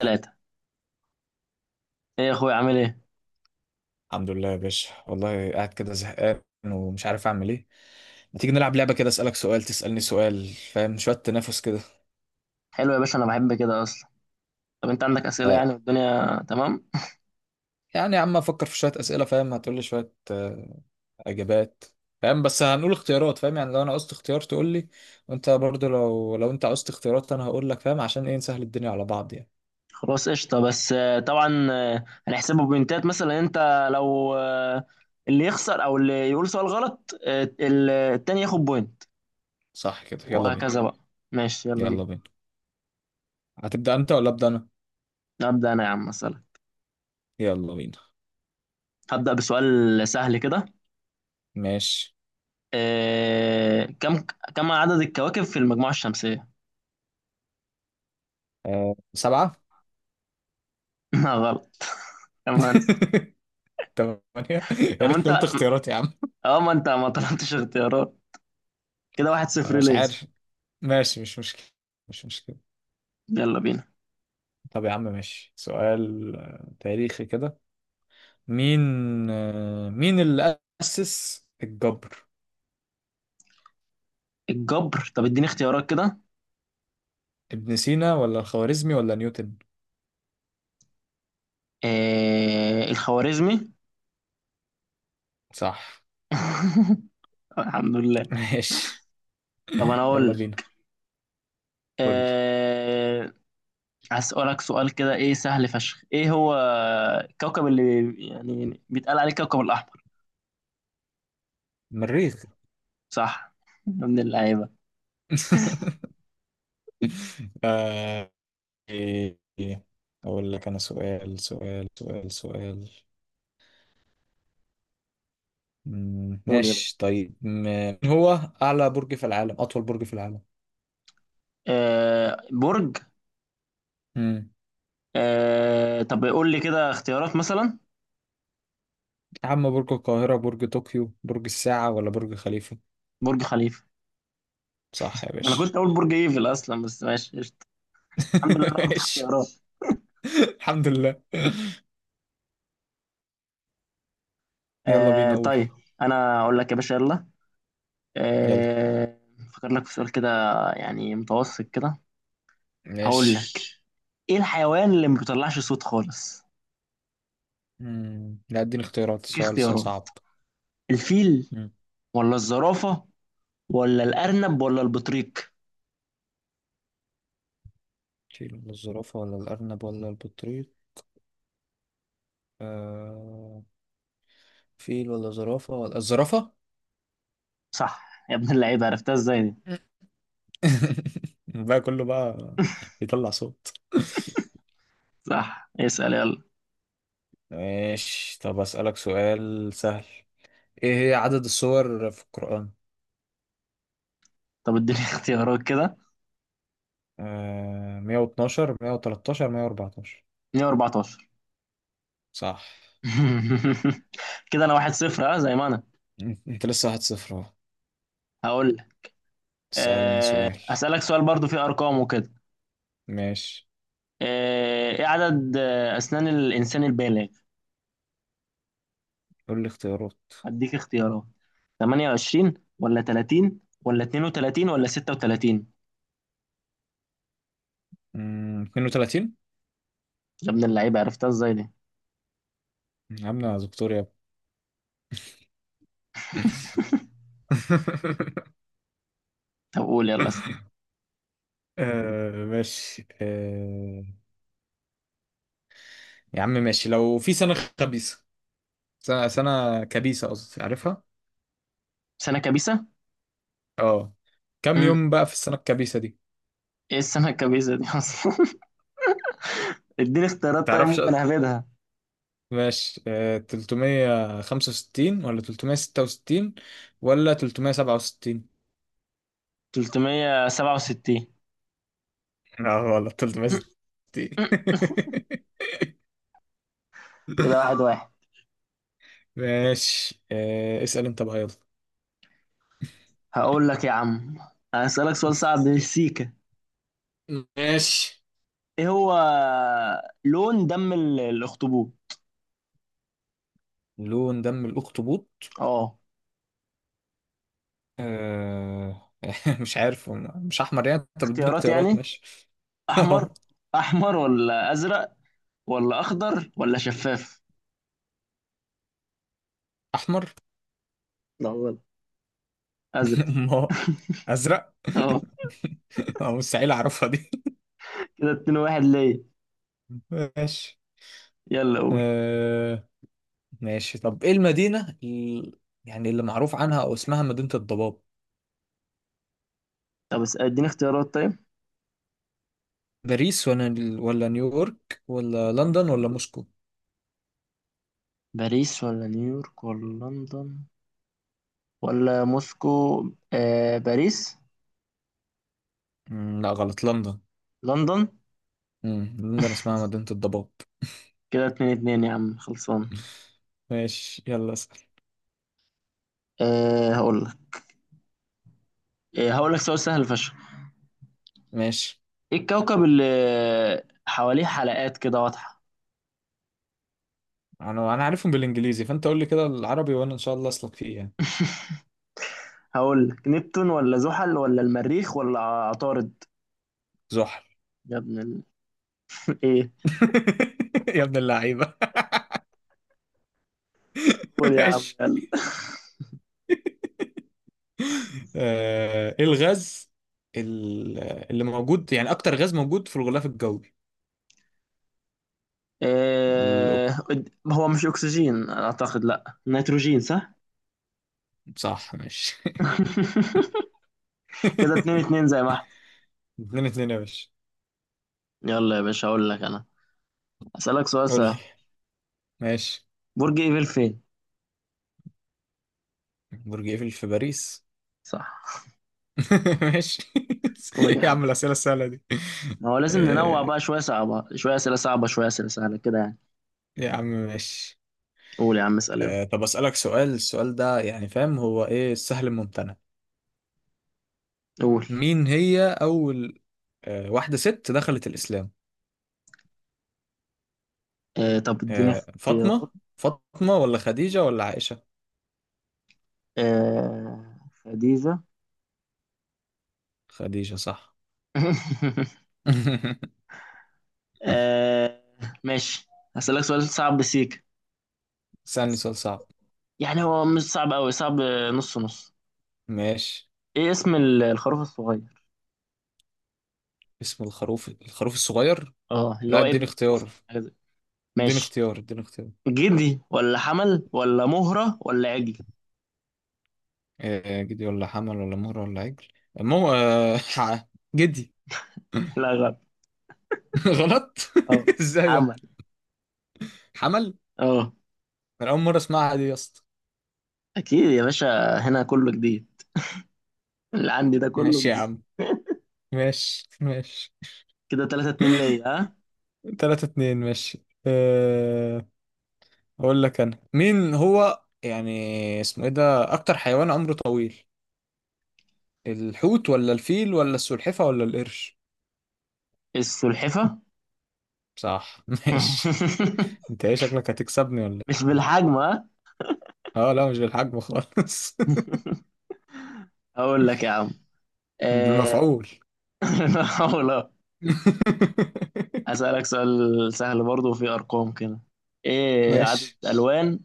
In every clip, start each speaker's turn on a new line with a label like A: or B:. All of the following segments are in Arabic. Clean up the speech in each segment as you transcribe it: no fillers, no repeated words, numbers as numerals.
A: ثلاثة. ايه يا اخويا، عامل ايه؟
B: الحمد لله يا باشا، والله قاعد كده زهقان ومش عارف اعمل ايه. ما تيجي نلعب لعبه كده، اسالك سؤال تسالني سؤال، فاهم؟ شويه تنافس كده.
A: حلو يا باشا، انا بحب كده اصلا. طب انت عندك اسئلة
B: آه
A: يعني والدنيا تمام؟
B: يعني يا عم افكر في شويه اسئله، فاهم؟ هتقول لي شويه اجابات، فاهم؟ بس هنقول اختيارات، فاهم؟ يعني لو انا قصت اختيار تقول لي، وانت برضو لو انت قصت اختيارات انا هقول لك، فاهم؟ عشان ايه؟ نسهل الدنيا على بعض يعني.
A: خلاص قشطة. بس طبعا، هنحسبه بوينتات مثلا. انت لو اللي يخسر او اللي يقول سؤال غلط، التاني ياخد بوينت.
B: صح كده، يلا بينا.
A: وهكذا بقى. ماشي، يلا بينا.
B: يلا بينا. هتبدا انت ولا ابدا انا؟
A: هبدأ انا يا عم. مثلا
B: يلا بينا.
A: هبدأ بسؤال سهل كده.
B: ماشي.
A: آه، كم كم عدد الكواكب في المجموعة الشمسية؟
B: آه، 7.
A: لا، غلط. كمان.
B: 8.
A: طب
B: يا ريت قلت اختيارات يا عم.
A: ما انت ما طلبتش اختيارات. كده واحد
B: أنا
A: صفر
B: مش
A: ليه.
B: عارف. ماشي، مش مشكلة، مش مشكلة.
A: يلا بينا.
B: طب يا عم، ماشي، سؤال تاريخي كده. مين؟ مين اللي أسس الجبر؟
A: الجبر، طب اديني اختيارات كده.
B: ابن سينا ولا الخوارزمي ولا نيوتن؟
A: الخوارزمي.
B: صح.
A: الحمد لله.
B: ماشي.
A: طب انا اقول
B: يلا
A: لك.
B: بينا. قول لي.
A: آه هسألك سؤال كده، ايه سهل فشخ. ايه هو الكوكب اللي يعني بيتقال عليه الكوكب الاحمر؟
B: مريخ.
A: صح. من اللعيبه.
B: آه. إيه. أقول لك أنا سؤال سؤال سؤال سؤال.
A: قول يا باشا.
B: ماشي. طيب مين هو أعلى برج في العالم، أطول برج في
A: برج.
B: العالم؟
A: طب قول لي كده اختيارات مثلا.
B: يا عم، برج القاهرة، برج طوكيو، برج الساعة ولا برج خليفة؟
A: برج خليفه.
B: صح يا
A: انا
B: باشا.
A: كنت اقول برج ايفل اصلا، بس ماشي قشطة. الحمد لله، أنا قلت
B: ماشي.
A: اختيارات.
B: الحمد لله. يلا
A: آه
B: بينا أقول.
A: طيب. انا اقول لك يا باشا، يلا.
B: يلا.
A: آه، فكر لك في سؤال كده، يعني متوسط كده. هقول
B: ماشي.
A: لك. ايه الحيوان اللي ما بيطلعش صوت خالص؟
B: لا، اديني اختيارات،
A: ليك
B: السؤال لسه
A: اختيارات:
B: صعب.
A: الفيل
B: مم.
A: ولا الزرافة ولا الأرنب ولا البطريق؟
B: فيل ولا الزرافة ولا الأرنب ولا البطريق؟ آه... فيل ولا زرافة ولا الزرافة.
A: صح يا ابن اللعيبة، عرفتها ازاي دي؟
B: بقى كله بقى بيطلع صوت.
A: صح، اسأل يلا.
B: ماشي، طب أسألك سؤال سهل. ايه هي عدد السور في القرآن؟
A: طب اديني اختيارات كده.
B: آه، 112، 113، 114؟
A: 114.
B: صح.
A: كده انا 1-0، اه، زي ما انا
B: انت لسه 1-0 اهو.
A: هقول لك.
B: تسألني سؤال.
A: أسألك سؤال برضو فيه أرقام وكده.
B: ماشي،
A: ايه عدد أسنان الإنسان البالغ؟
B: قول لي اختيارات.
A: هديك اختيارات: 28 ولا 30 ولا 32 ولا 36.
B: مم، 32.
A: يا ابن اللعيبة، عرفتها ازاي دي؟
B: عاملة دكتور يا ابني.
A: طب قول يلا اسأل.
B: آه، ماشي. آه، يا عم ماشي. لو في خبيثة سنة كبيسة قصدي، عارفها؟
A: سنة كبيسة.
B: اه. كم
A: امم
B: يوم بقى في السنة الكبيسة دي؟
A: ايه السنة الكبيسة دي اصلا؟ اديني اختيارات طيب،
B: تعرفش؟
A: ممكن اهبدها.
B: ماشي. آه، 365 ولا 366 ولا 367؟
A: 367.
B: لا غلط،
A: أمم،
B: 366.
A: أمم. كده 1-1.
B: ماشي. آه، اسأل انت بقى، يلا.
A: هقول لك يا عم. هسألك سؤال صعب، سيكا.
B: ماشي.
A: ايه هو لون دم الاخطبوط؟
B: لون دم الأخطبوط؟
A: اه،
B: آه، مش عارف، هو مش أحمر يعني؟ انت بتديني
A: اختيارات
B: اختيارات،
A: يعني:
B: ماشي.
A: احمر احمر ولا ازرق ولا اخضر ولا شفاف؟
B: أحمر.
A: ازرق.
B: أمال! أزرق؟
A: اه.
B: آه، مستحيل أعرفها دي.
A: كده 2-1 ليا.
B: ماشي.
A: يلا قول.
B: آه، ماشي، طب ايه يعني اللي معروف عنها او اسمها مدينة الضباب؟
A: طب اديني اختيارات طيب.
B: باريس ولا ولا نيويورك ولا لندن ولا موسكو؟
A: باريس ولا نيويورك ولا لندن ولا موسكو؟ باريس.
B: مم، لا غلط، لندن.
A: لندن.
B: مم، لندن اسمها مدينة الضباب.
A: كده 2-2 يا عم، خلصان.
B: ماشي، يلا اسأل.
A: آه هقول لك هقول لك سؤال سهل فشخ.
B: ماشي.
A: ايه الكوكب اللي حواليه حلقات كده واضحة؟
B: انا عارفهم بالانجليزي، فانت قول لي كده العربي وانا ان شاء الله اسلك فيه يعني.
A: هقول لك: نبتون ولا زحل ولا المريخ ولا عطارد؟
B: زحل.
A: يا ابن ال... ايه!
B: يا ابن اللعيبة.
A: قول يا عم،
B: ماشي.
A: يلا.
B: آه، ايه ال- اللي موجود يعني، اكتر غاز موجود في الغلاف الجوي؟ ال-
A: آه... هو مش اكسجين، اعتقد لا، نيتروجين. صح.
B: صح ماشي.
A: كده اتنين
B: اتنين
A: اتنين زي ما احنا.
B: اتنين يا باشا.
A: يلا يا باشا اقول لك انا. اسالك سؤال
B: قول لي.
A: سهل.
B: ماشي.
A: برج ايفل فين؟
B: برج ايفل في باريس.
A: صح.
B: ماشي.
A: قول يا
B: يا عم
A: عم.
B: الأسئلة السهلة دي.
A: ما هو لازم ننوع
B: آه،
A: بقى، شويه صعبه شويه اسئله صعبه شويه اسئله سهله كده يعني.
B: يا عم ماشي.
A: قول يا عم، اسال يلا.
B: آه، طب أسألك سؤال، السؤال ده يعني فاهم هو ايه؟ السهل الممتنع.
A: قول.
B: مين هي أول واحدة ست دخلت الإسلام؟
A: طب اديني
B: آه،
A: اختيارات.
B: فاطمة ولا خديجة ولا عائشة؟
A: آه خديجه.
B: خديجة صح.
A: آه ماشي. هسالك سؤال صعب بسيك.
B: سألني سؤال صعب.
A: يعني هو مش صعب قوي، صعب نص نص.
B: ماشي.
A: ايه اسم الخروف الصغير؟
B: اسم الخروف الصغير؟
A: اه، اللي
B: لا،
A: هو
B: اديني
A: ابن الخروف يعني، حاجه زي.
B: اديني
A: ماشي.
B: اديني اختيار.
A: جدي ولا حمل ولا مهرة ولا عجل؟
B: آه، جدي ولا حمل ولا مهر ولا عجل؟ مو آه، ح- جدي.
A: لا، غلط.
B: غلط.
A: اه.
B: ازاي يا ابني؟
A: حمل.
B: حمل.
A: اه.
B: انا اول مره اسمعها دي يا اسطى.
A: اكيد يا باشا، هنا كله جديد. اللي عندي ده كله
B: ماشي يا
A: جديد.
B: عم، ماشي ماشي.
A: كده 3-2 ليا، ها.
B: 3-2، ماشي. أه... اقول لك انا مين هو يعني، اسمه ايه ده؟ اكتر حيوان عمره طويل، الحوت ولا الفيل ولا السلحفة ولا القرش؟
A: السلحفة.
B: صح. ماشي. انت ايه شكلك، هتكسبني ولا
A: مش
B: ايه؟
A: بالحجم، ها.
B: اه، لا مش بالحجم خالص.
A: اقول لك يا عم. آه،
B: بالمفعول.
A: أقول اه، اسالك سؤال سهل برضه وفيه ارقام كده. ايه عدد
B: ماشي.
A: الوان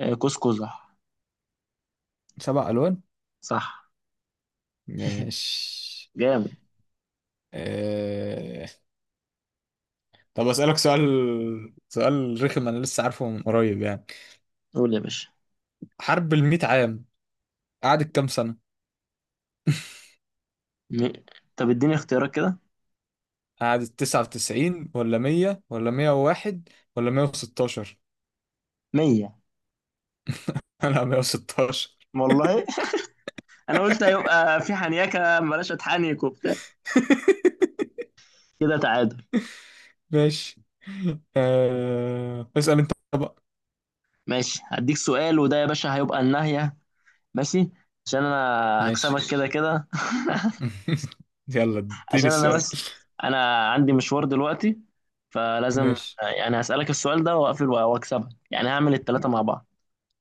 A: قوس قزح؟
B: 7 ألوان.
A: صح.
B: ماشي.
A: جامد.
B: أه... طب أسألك سؤال، سؤال رخم أنا لسه عارفه من قريب يعني.
A: قول يا باشا.
B: حرب الميت عام قعدت كام سنة؟
A: م- طب اديني اختيارات كده.
B: قعدت 99 ولا 100 ولا 101 ولا 116؟
A: 100.
B: أنا 116.
A: والله. انا قلت هيبقى في حنيكه، بلاش اتحنك وبتاع. كده تعادل.
B: ماشي. أه... اسأل أنت بقى.
A: ماشي، هديك سؤال، وده يا باشا هيبقى النهايه. ماشي. عشان انا
B: ماشي.
A: هكسبك كده كده.
B: يلا اديني
A: عشان انا
B: السؤال.
A: بس، انا عندي مشوار دلوقتي، فلازم.
B: ماشي.
A: يعني هسألك السؤال ده واقفل واكسبك، يعني هعمل التلاتة مع بعض.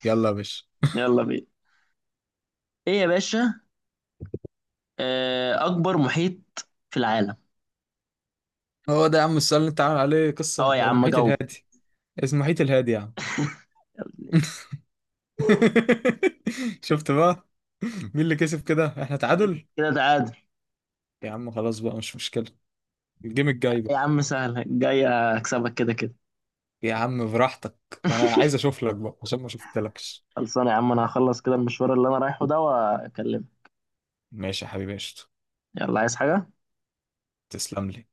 B: يلا يا باشا.
A: يلا بينا. ايه يا باشا؟ اكبر محيط في العالم؟
B: هو ده يا عم السؤال اللي انت عامل عليه قصة؟
A: اه يا عم،
B: المحيط
A: جاوب.
B: الهادي. اسمه المحيط الهادي يا عم. شفت بقى؟ مين اللي كسب كده؟ احنا
A: كده
B: تعادل.
A: كده تعادل.
B: يا عم خلاص بقى، مش مشكلة الجيم الجاي بقى.
A: يا عم سهل جاي، اكسبك كده كده.
B: يا عم براحتك. انا عايز اشوف لك بقى عشان ما شفتلكش.
A: خلصانه يا عم، انا هخلص كده المشوار اللي انا رايحه ده واكلمك.
B: ماشي يا حبيبي، قشطة.
A: يلا، عايز حاجة؟
B: تسلم لي.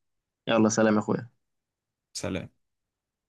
A: يلا، سلام يا اخويا.
B: سلام